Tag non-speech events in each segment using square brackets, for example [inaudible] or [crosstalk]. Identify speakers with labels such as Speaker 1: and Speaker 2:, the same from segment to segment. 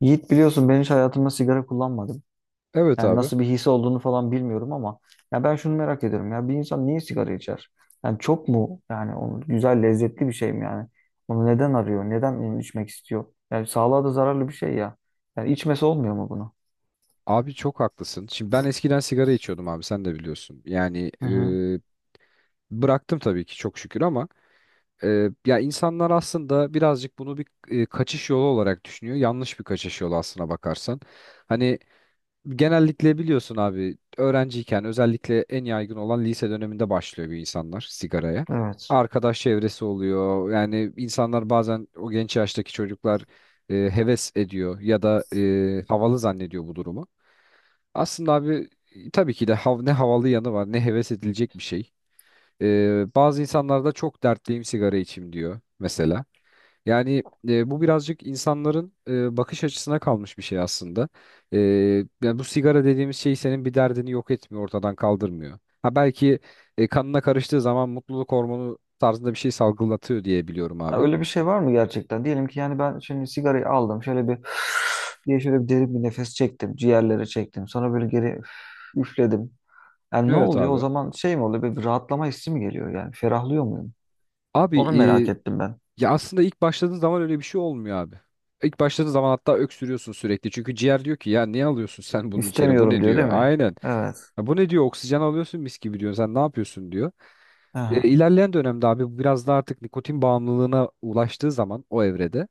Speaker 1: Yiğit biliyorsun ben hiç hayatımda sigara kullanmadım.
Speaker 2: Evet
Speaker 1: Yani
Speaker 2: abi.
Speaker 1: nasıl bir his olduğunu falan bilmiyorum ama ya ben şunu merak ediyorum, ya bir insan niye sigara içer? Yani çok mu, yani onu güzel lezzetli bir şey mi yani? Onu neden arıyor? Neden onu içmek istiyor? Yani sağlığa da zararlı bir şey ya. Yani içmesi olmuyor mu bunu?
Speaker 2: Abi, çok haklısın. Şimdi ben eskiden sigara içiyordum abi, sen de biliyorsun. Yani
Speaker 1: Hı hı.
Speaker 2: bıraktım tabii ki çok şükür ama ya insanlar aslında birazcık bunu bir kaçış yolu olarak düşünüyor. Yanlış bir kaçış yolu aslına bakarsan. Hani genellikle biliyorsun abi, öğrenciyken özellikle en yaygın olan lise döneminde başlıyor bir insanlar sigaraya.
Speaker 1: Evet.
Speaker 2: Arkadaş çevresi oluyor. Yani insanlar bazen o genç yaştaki çocuklar heves ediyor ya da havalı zannediyor bu durumu. Aslında abi tabii ki de ne havalı yanı var ne heves edilecek bir şey. Bazı insanlar da çok dertliyim sigara içim diyor mesela. Yani bu birazcık insanların bakış açısına kalmış bir şey aslında. Ee, yani bu sigara dediğimiz şey senin bir derdini yok etmiyor, ortadan kaldırmıyor. Ha belki kanına karıştığı zaman mutluluk hormonu tarzında bir şey salgılatıyor diye biliyorum
Speaker 1: Ha,
Speaker 2: abi.
Speaker 1: öyle bir şey var mı gerçekten? Diyelim ki yani ben şimdi sigarayı aldım. Şöyle bir [sighs] diye şöyle bir derin bir nefes çektim. Ciğerlere çektim. Sonra böyle geri üfledim. Yani ne
Speaker 2: Evet
Speaker 1: oluyor o
Speaker 2: abi.
Speaker 1: zaman, şey mi oluyor? Böyle bir rahatlama hissi mi geliyor yani? Ferahlıyor muyum?
Speaker 2: Abi,
Speaker 1: Onu merak ettim ben.
Speaker 2: ya aslında ilk başladığın zaman öyle bir şey olmuyor abi. İlk başladığın zaman hatta öksürüyorsun sürekli. Çünkü ciğer diyor ki ya niye alıyorsun sen bunu içeri? Bu ne
Speaker 1: İstemiyorum diyor
Speaker 2: diyor?
Speaker 1: değil mi?
Speaker 2: Aynen.
Speaker 1: Evet.
Speaker 2: "Ya bu ne diyor? Oksijen alıyorsun mis gibi diyor. Sen ne yapıyorsun diyor."
Speaker 1: Aha.
Speaker 2: İlerleyen dönemde abi biraz da artık nikotin bağımlılığına ulaştığı zaman o evrede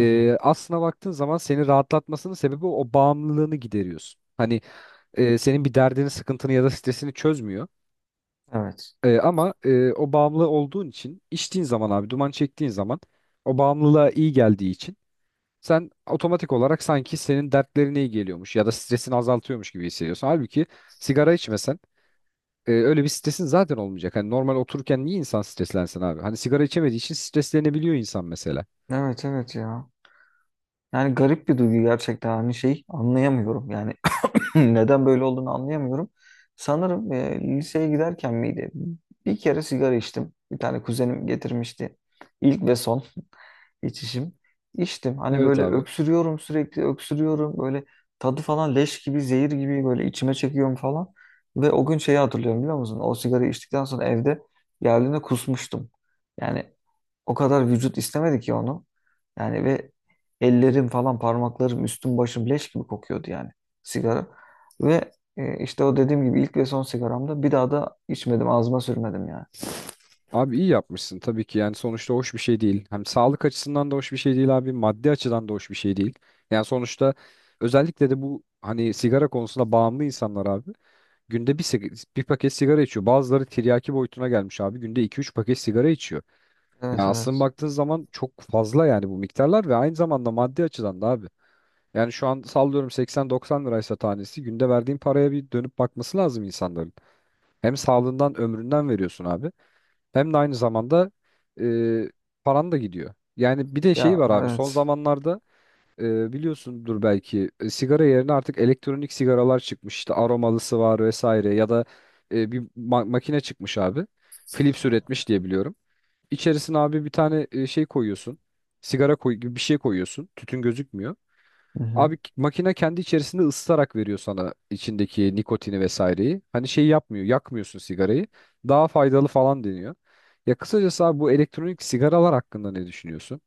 Speaker 1: Aha.
Speaker 2: aslına baktığın zaman seni rahatlatmasının sebebi o bağımlılığını gideriyorsun. Hani senin bir derdini, sıkıntını ya da stresini çözmüyor.
Speaker 1: Evet.
Speaker 2: Ama o bağımlı olduğun için içtiğin zaman abi, duman çektiğin zaman o bağımlılığa iyi geldiği için sen otomatik olarak sanki senin dertlerine iyi geliyormuş ya da stresini azaltıyormuş gibi hissediyorsun. Halbuki sigara içmesen öyle bir stresin zaten olmayacak. Hani normal otururken niye insan streslensin abi? Hani sigara içemediği için streslenebiliyor insan mesela.
Speaker 1: Evet, evet ya. Yani garip bir duygu gerçekten, hani şey, anlayamıyorum yani. [clears throat] Neden böyle olduğunu anlayamıyorum. Sanırım liseye giderken miydi? Bir kere sigara içtim. Bir tane kuzenim getirmişti. İlk ve içişim. İçtim. Hani
Speaker 2: Evet
Speaker 1: böyle
Speaker 2: abi.
Speaker 1: öksürüyorum, sürekli öksürüyorum. Böyle tadı falan leş gibi, zehir gibi böyle içime çekiyorum falan. Ve o gün şeyi hatırlıyorum, biliyor musun? O sigarayı içtikten sonra evde geldiğinde kusmuştum. Yani o kadar vücut istemedi ki onu. Yani ve ellerim falan, parmaklarım, üstüm başım leş gibi kokuyordu yani, sigara. Ve işte o dediğim gibi ilk ve son sigaramda, bir daha da içmedim, ağzıma sürmedim yani.
Speaker 2: Abi, iyi yapmışsın tabii ki, yani sonuçta hoş bir şey değil. Hem sağlık açısından da hoş bir şey değil abi, maddi açıdan da hoş bir şey değil. Yani sonuçta özellikle de bu hani sigara konusunda bağımlı insanlar abi günde bir paket sigara içiyor. Bazıları tiryaki boyutuna gelmiş abi, günde iki üç paket sigara içiyor. Yani
Speaker 1: Evet,
Speaker 2: aslında
Speaker 1: evet.
Speaker 2: baktığın zaman çok fazla yani bu miktarlar ve aynı zamanda maddi açıdan da abi. Yani şu an sallıyorum 80-90 liraysa tanesi, günde verdiğin paraya bir dönüp bakması lazım insanların. Hem sağlığından ömründen veriyorsun abi. Hem de aynı zamanda e, paran da gidiyor. Yani bir de şey
Speaker 1: Ya,
Speaker 2: var abi son
Speaker 1: evet.
Speaker 2: zamanlarda biliyorsundur belki sigara yerine artık elektronik sigaralar çıkmış. İşte aromalısı var vesaire ya da bir makine çıkmış abi. Philips üretmiş diye biliyorum. İçerisine abi bir tane şey koyuyorsun. Sigara koy gibi bir şey koyuyorsun. Tütün gözükmüyor.
Speaker 1: Hı hı.
Speaker 2: Abi, makine kendi içerisinde ısıtarak veriyor sana içindeki nikotini vesaireyi. Hani şey yapmıyor, yakmıyorsun sigarayı. Daha faydalı falan deniyor. Ya kısacası abi, bu elektronik sigaralar hakkında ne düşünüyorsun?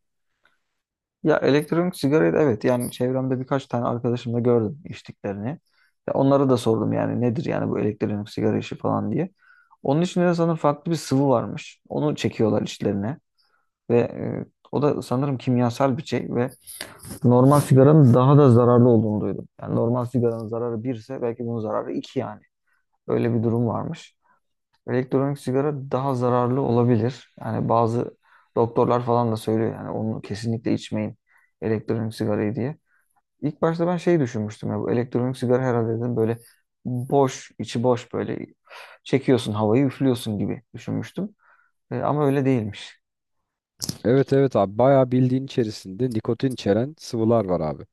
Speaker 1: Ya elektronik sigarayı da, evet, yani çevremde birkaç tane arkadaşım da gördüm içtiklerini. Ya onlara da sordum, yani nedir yani bu elektronik sigara işi falan diye. Onun içinde de sanırım farklı bir sıvı varmış. Onu çekiyorlar içlerine ve o da sanırım kimyasal bir şey ve normal sigaranın daha da zararlı olduğunu duydum. Yani normal sigaranın zararı 1 ise belki bunun zararı 2 yani. Öyle bir durum varmış. Elektronik sigara daha zararlı olabilir. Yani bazı doktorlar falan da söylüyor yani, onu kesinlikle içmeyin elektronik sigarayı diye. İlk başta ben şey düşünmüştüm, ya bu elektronik sigara herhalde dedim, böyle boş, içi boş, böyle çekiyorsun havayı, üflüyorsun gibi düşünmüştüm. Ama öyle değilmiş.
Speaker 2: Evet evet abi, bayağı bildiğin içerisinde nikotin içeren sıvılar var abi.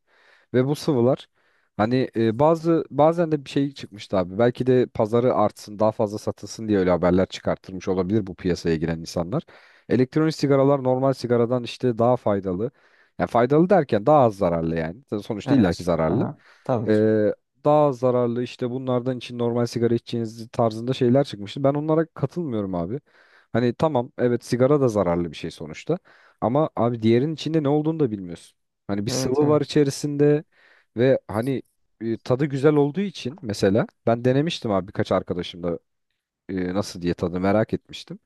Speaker 2: Ve bu sıvılar hani bazen de bir şey çıkmıştı abi. Belki de pazarı artsın, daha fazla satılsın diye öyle haberler çıkartılmış olabilir bu piyasaya giren insanlar. Elektronik sigaralar normal sigaradan işte daha faydalı. Yani faydalı derken daha az zararlı yani. Sonuçta illaki
Speaker 1: Evet.
Speaker 2: zararlı.
Speaker 1: Aha, tabii ki.
Speaker 2: Ee, daha zararlı işte bunlardan için, normal sigara içeceğiniz tarzında şeyler çıkmıştı. Ben onlara katılmıyorum abi. Hani tamam, evet sigara da zararlı bir şey sonuçta. Ama abi diğerinin içinde ne olduğunu da bilmiyorsun. Hani bir
Speaker 1: Evet,
Speaker 2: sıvı var
Speaker 1: evet.
Speaker 2: içerisinde ve hani tadı güzel olduğu için mesela ben denemiştim abi birkaç arkadaşımda nasıl diye tadı merak etmiştim.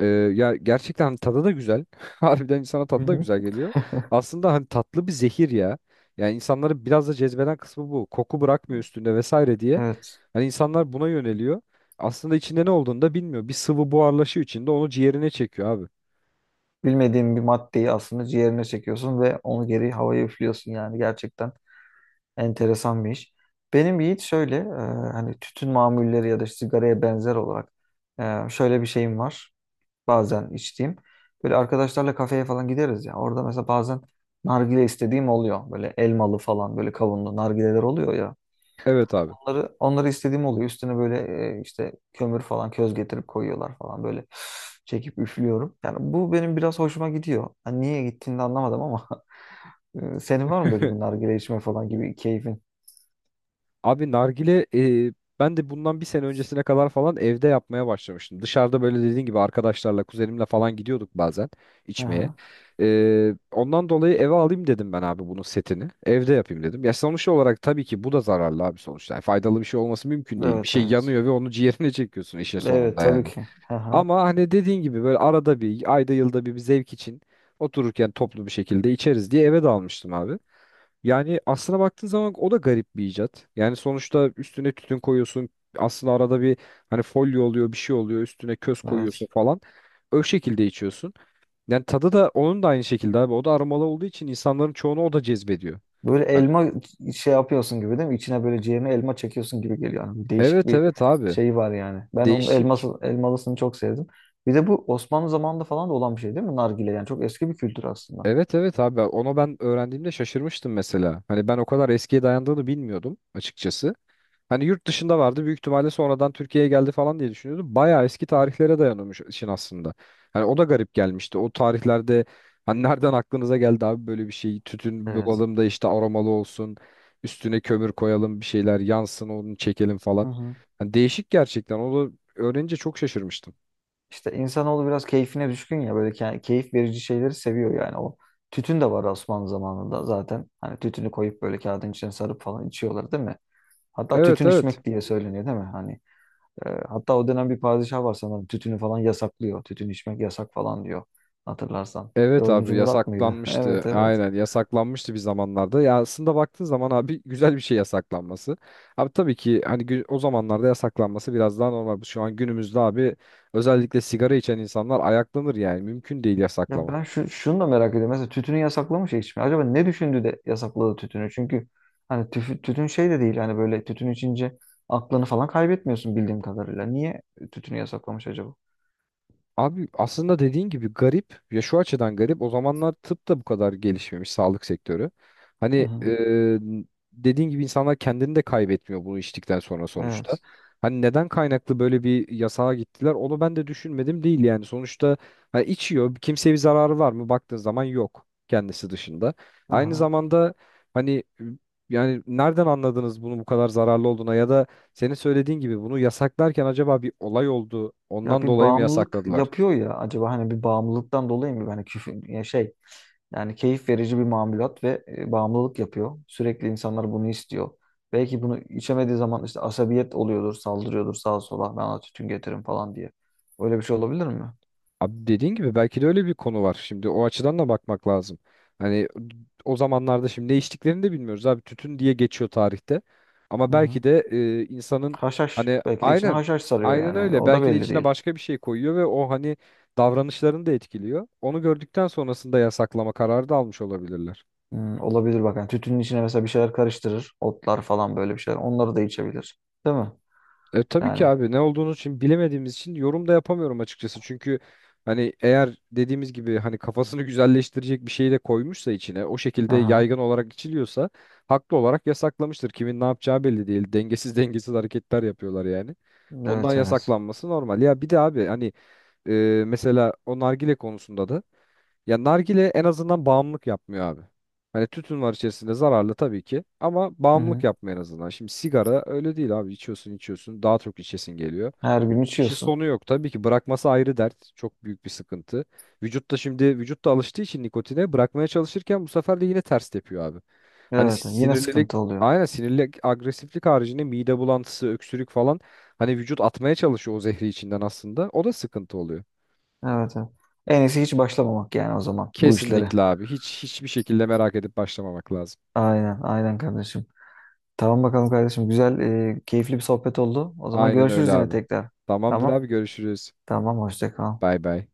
Speaker 2: Ee, ya gerçekten hani tadı da güzel. [laughs] Harbiden insana
Speaker 1: Hı
Speaker 2: tadı da
Speaker 1: hı.
Speaker 2: güzel geliyor. Aslında hani tatlı bir zehir ya. Yani insanları biraz da cezbeden kısmı bu. Koku bırakmıyor üstünde vesaire diye.
Speaker 1: Evet.
Speaker 2: Hani insanlar buna yöneliyor. Aslında içinde ne olduğunu da bilmiyor. Bir sıvı buharlaşıyor içinde, onu ciğerine çekiyor abi.
Speaker 1: Bilmediğim bir maddeyi aslında ciğerine çekiyorsun ve onu geri havaya üflüyorsun, yani gerçekten enteresan bir iş. Benim Yiğit şöyle hani tütün mamulleri ya da sigaraya benzer olarak şöyle bir şeyim var, bazen içtiğim. Böyle arkadaşlarla kafeye falan gideriz ya. Orada mesela bazen nargile istediğim oluyor. Böyle elmalı falan, böyle kavunlu nargileler oluyor ya.
Speaker 2: Evet abi.
Speaker 1: Onları istediğim oluyor. Üstüne böyle işte kömür falan, köz getirip koyuyorlar falan, böyle [sighs] çekip üflüyorum. Yani bu benim biraz hoşuma gidiyor. Hani niye gittiğini de anlamadım ama [laughs] senin var mı böyle bir
Speaker 2: [laughs]
Speaker 1: nargile içme falan gibi keyfin?
Speaker 2: Abi, nargile e, ben de bundan bir sene öncesine kadar falan evde yapmaya başlamıştım. Dışarıda böyle dediğin gibi arkadaşlarla, kuzenimle falan gidiyorduk bazen içmeye.
Speaker 1: Aha.
Speaker 2: Ondan dolayı eve alayım dedim ben abi bunun setini. Evde yapayım dedim. Ya sonuç olarak tabii ki bu da zararlı abi sonuçta. Yani faydalı bir şey olması mümkün değil. Bir
Speaker 1: Evet,
Speaker 2: şey
Speaker 1: evet.
Speaker 2: yanıyor ve onu ciğerine [laughs] çekiyorsun işin
Speaker 1: Evet,
Speaker 2: sonunda
Speaker 1: tabii
Speaker 2: yani.
Speaker 1: ki. Aha.
Speaker 2: Ama hani dediğin gibi böyle arada bir, ayda yılda bir, bir zevk için otururken toplu bir şekilde içeriz diye eve dalmıştım abi. Yani aslına baktığın zaman o da garip bir icat. Yani sonuçta üstüne tütün koyuyorsun. Aslında arada bir hani folyo oluyor, bir şey oluyor. Üstüne köz koyuyorsun
Speaker 1: Evet.
Speaker 2: falan. O şekilde içiyorsun. Yani tadı da onun da aynı şekilde abi. O da aromalı olduğu için insanların çoğunu o da cezbediyor.
Speaker 1: Böyle
Speaker 2: Hani-
Speaker 1: elma şey yapıyorsun gibi değil mi? İçine böyle ciğerine elma çekiyorsun gibi geliyor. Yani değişik
Speaker 2: Evet
Speaker 1: bir
Speaker 2: evet abi.
Speaker 1: şey var yani. Ben onun
Speaker 2: Değişik.
Speaker 1: elmalısını çok sevdim. Bir de bu Osmanlı zamanında falan da olan bir şey değil mi? Nargile yani çok eski bir kültür aslında.
Speaker 2: Evet evet abi, onu ben öğrendiğimde şaşırmıştım mesela. Hani ben o kadar eskiye dayandığını bilmiyordum açıkçası. Hani yurt dışında vardı büyük ihtimalle, sonradan Türkiye'ye geldi falan diye düşünüyordum. Bayağı eski tarihlere dayanıyormuş işin aslında. Hani o da garip gelmişti. O tarihlerde hani nereden aklınıza geldi abi böyle bir şey? Tütün
Speaker 1: Evet.
Speaker 2: bulalım da işte aromalı olsun. Üstüne kömür koyalım, bir şeyler yansın, onu çekelim
Speaker 1: Hı
Speaker 2: falan.
Speaker 1: hı.
Speaker 2: Hani değişik gerçekten. Onu öğrenince çok şaşırmıştım.
Speaker 1: İşte insanoğlu biraz keyfine düşkün ya, böyle keyif verici şeyleri seviyor yani o. Tütün de var Osmanlı zamanında zaten. Hani tütünü koyup böyle kağıdın içine sarıp falan içiyorlar değil mi? Hatta
Speaker 2: Evet
Speaker 1: tütün
Speaker 2: evet.
Speaker 1: içmek diye söyleniyor değil mi? Hani hatta o dönem bir padişah var sanırım. Tütünü falan yasaklıyor. Tütün içmek yasak falan diyor. Hatırlarsan.
Speaker 2: Evet
Speaker 1: Dördüncü
Speaker 2: abi,
Speaker 1: Murat mıydı? [laughs]
Speaker 2: yasaklanmıştı.
Speaker 1: Evet, evet.
Speaker 2: Aynen yasaklanmıştı bir zamanlarda. Ya aslında baktığın zaman abi güzel bir şey yasaklanması. Abi tabii ki hani o zamanlarda yasaklanması biraz daha normal. Şu an günümüzde abi özellikle sigara içen insanlar ayaklanır yani. Mümkün değil
Speaker 1: Ya ben
Speaker 2: yasaklaması.
Speaker 1: şunu da merak ediyorum. Mesela tütünü yasaklamış ya, içmeyi. Acaba ne düşündü de yasakladı tütünü? Çünkü hani tütün şey de değil. Hani böyle tütün içince aklını falan kaybetmiyorsun bildiğim kadarıyla. Niye tütünü yasaklamış acaba?
Speaker 2: Abi aslında dediğin gibi garip ya, şu açıdan garip, o zamanlar tıp da bu kadar gelişmemiş sağlık sektörü.
Speaker 1: Hı
Speaker 2: Hani
Speaker 1: hı.
Speaker 2: dediğin gibi insanlar kendini de kaybetmiyor bunu içtikten sonra sonuçta.
Speaker 1: Evet.
Speaker 2: Hani neden kaynaklı böyle bir yasağa gittiler, onu ben de düşünmedim değil yani. Sonuçta ha, içiyor, kimseye bir zararı var mı baktığın zaman, yok kendisi dışında. Aynı
Speaker 1: Aha.
Speaker 2: zamanda hani yani nereden anladınız bunu bu kadar zararlı olduğuna, ya da senin söylediğin gibi bunu yasaklarken acaba bir olay oldu
Speaker 1: Ya
Speaker 2: ondan
Speaker 1: bir
Speaker 2: dolayı mı
Speaker 1: bağımlılık
Speaker 2: yasakladılar?
Speaker 1: yapıyor ya, acaba hani bir bağımlılıktan dolayı mı, hani küfür ya şey, yani keyif verici bir mamulat ve bağımlılık yapıyor. Sürekli insanlar bunu istiyor. Belki bunu içemediği zaman işte asabiyet oluyordur, saldırıyordur sağa sola. Ben ona tütün getirin falan diye. Öyle bir şey olabilir mi?
Speaker 2: Abi dediğin gibi belki de öyle bir konu var. Şimdi o açıdan da bakmak lazım. Hani o zamanlarda şimdi ne içtiklerini de bilmiyoruz abi. Tütün diye geçiyor tarihte. Ama
Speaker 1: Hı hı.
Speaker 2: belki de insanın
Speaker 1: Haşhaş.
Speaker 2: hani
Speaker 1: Belki de içine
Speaker 2: aynen,
Speaker 1: haşhaş sarıyor
Speaker 2: aynen
Speaker 1: yani.
Speaker 2: öyle.
Speaker 1: O da
Speaker 2: Belki de
Speaker 1: belli
Speaker 2: içine
Speaker 1: değil.
Speaker 2: başka bir şey koyuyor ve o hani davranışlarını da etkiliyor. Onu gördükten sonrasında yasaklama kararı da almış olabilirler.
Speaker 1: Olabilir bak. Yani tütünün içine mesela bir şeyler karıştırır. Otlar falan, böyle bir şeyler. Onları da içebilir. Değil mi?
Speaker 2: Tabii ki
Speaker 1: Yani.
Speaker 2: abi, ne olduğunu için bilemediğimiz için yorum da yapamıyorum açıkçası. Çünkü hani eğer dediğimiz gibi hani kafasını [laughs] güzelleştirecek bir şeyi de koymuşsa içine, o şekilde
Speaker 1: Aha.
Speaker 2: yaygın olarak içiliyorsa haklı olarak yasaklamıştır. Kimin ne yapacağı belli değil. Dengesiz dengesiz hareketler yapıyorlar yani. Ondan
Speaker 1: Evet, evet.
Speaker 2: yasaklanması normal. Ya bir de abi hani e, mesela o nargile konusunda da ya nargile en azından bağımlılık yapmıyor abi. Hani tütün var içerisinde, zararlı tabii ki, ama
Speaker 1: Hı
Speaker 2: bağımlılık
Speaker 1: hı.
Speaker 2: yapmıyor en azından. Şimdi sigara öyle değil abi, içiyorsun içiyorsun daha çok içesin geliyor.
Speaker 1: Her gün
Speaker 2: İşi
Speaker 1: içiyorsun.
Speaker 2: sonu yok, tabii ki bırakması ayrı dert, çok büyük bir sıkıntı. Vücut da şimdi, vücut da alıştığı için nikotine, bırakmaya çalışırken bu sefer de yine ters tepiyor abi. Hani
Speaker 1: Evet. Evet. Yine
Speaker 2: sinirlilik,
Speaker 1: sıkıntı oluyor.
Speaker 2: aynen sinirlilik, agresiflik haricinde mide bulantısı, öksürük falan, hani vücut atmaya çalışıyor o zehri içinden aslında, o da sıkıntı oluyor.
Speaker 1: Evet. Evet. En iyisi hiç başlamamak yani, o zaman, bu işlere.
Speaker 2: Kesinlikle abi. Hiç hiçbir şekilde merak edip başlamamak lazım.
Speaker 1: Aynen. Aynen kardeşim. Tamam bakalım kardeşim. Güzel, keyifli bir sohbet oldu. O zaman
Speaker 2: Aynen öyle
Speaker 1: görüşürüz yine
Speaker 2: abi.
Speaker 1: tekrar.
Speaker 2: Tamamdır
Speaker 1: Tamam.
Speaker 2: abi, görüşürüz.
Speaker 1: Tamam. Hoşça kal.
Speaker 2: Bay bay.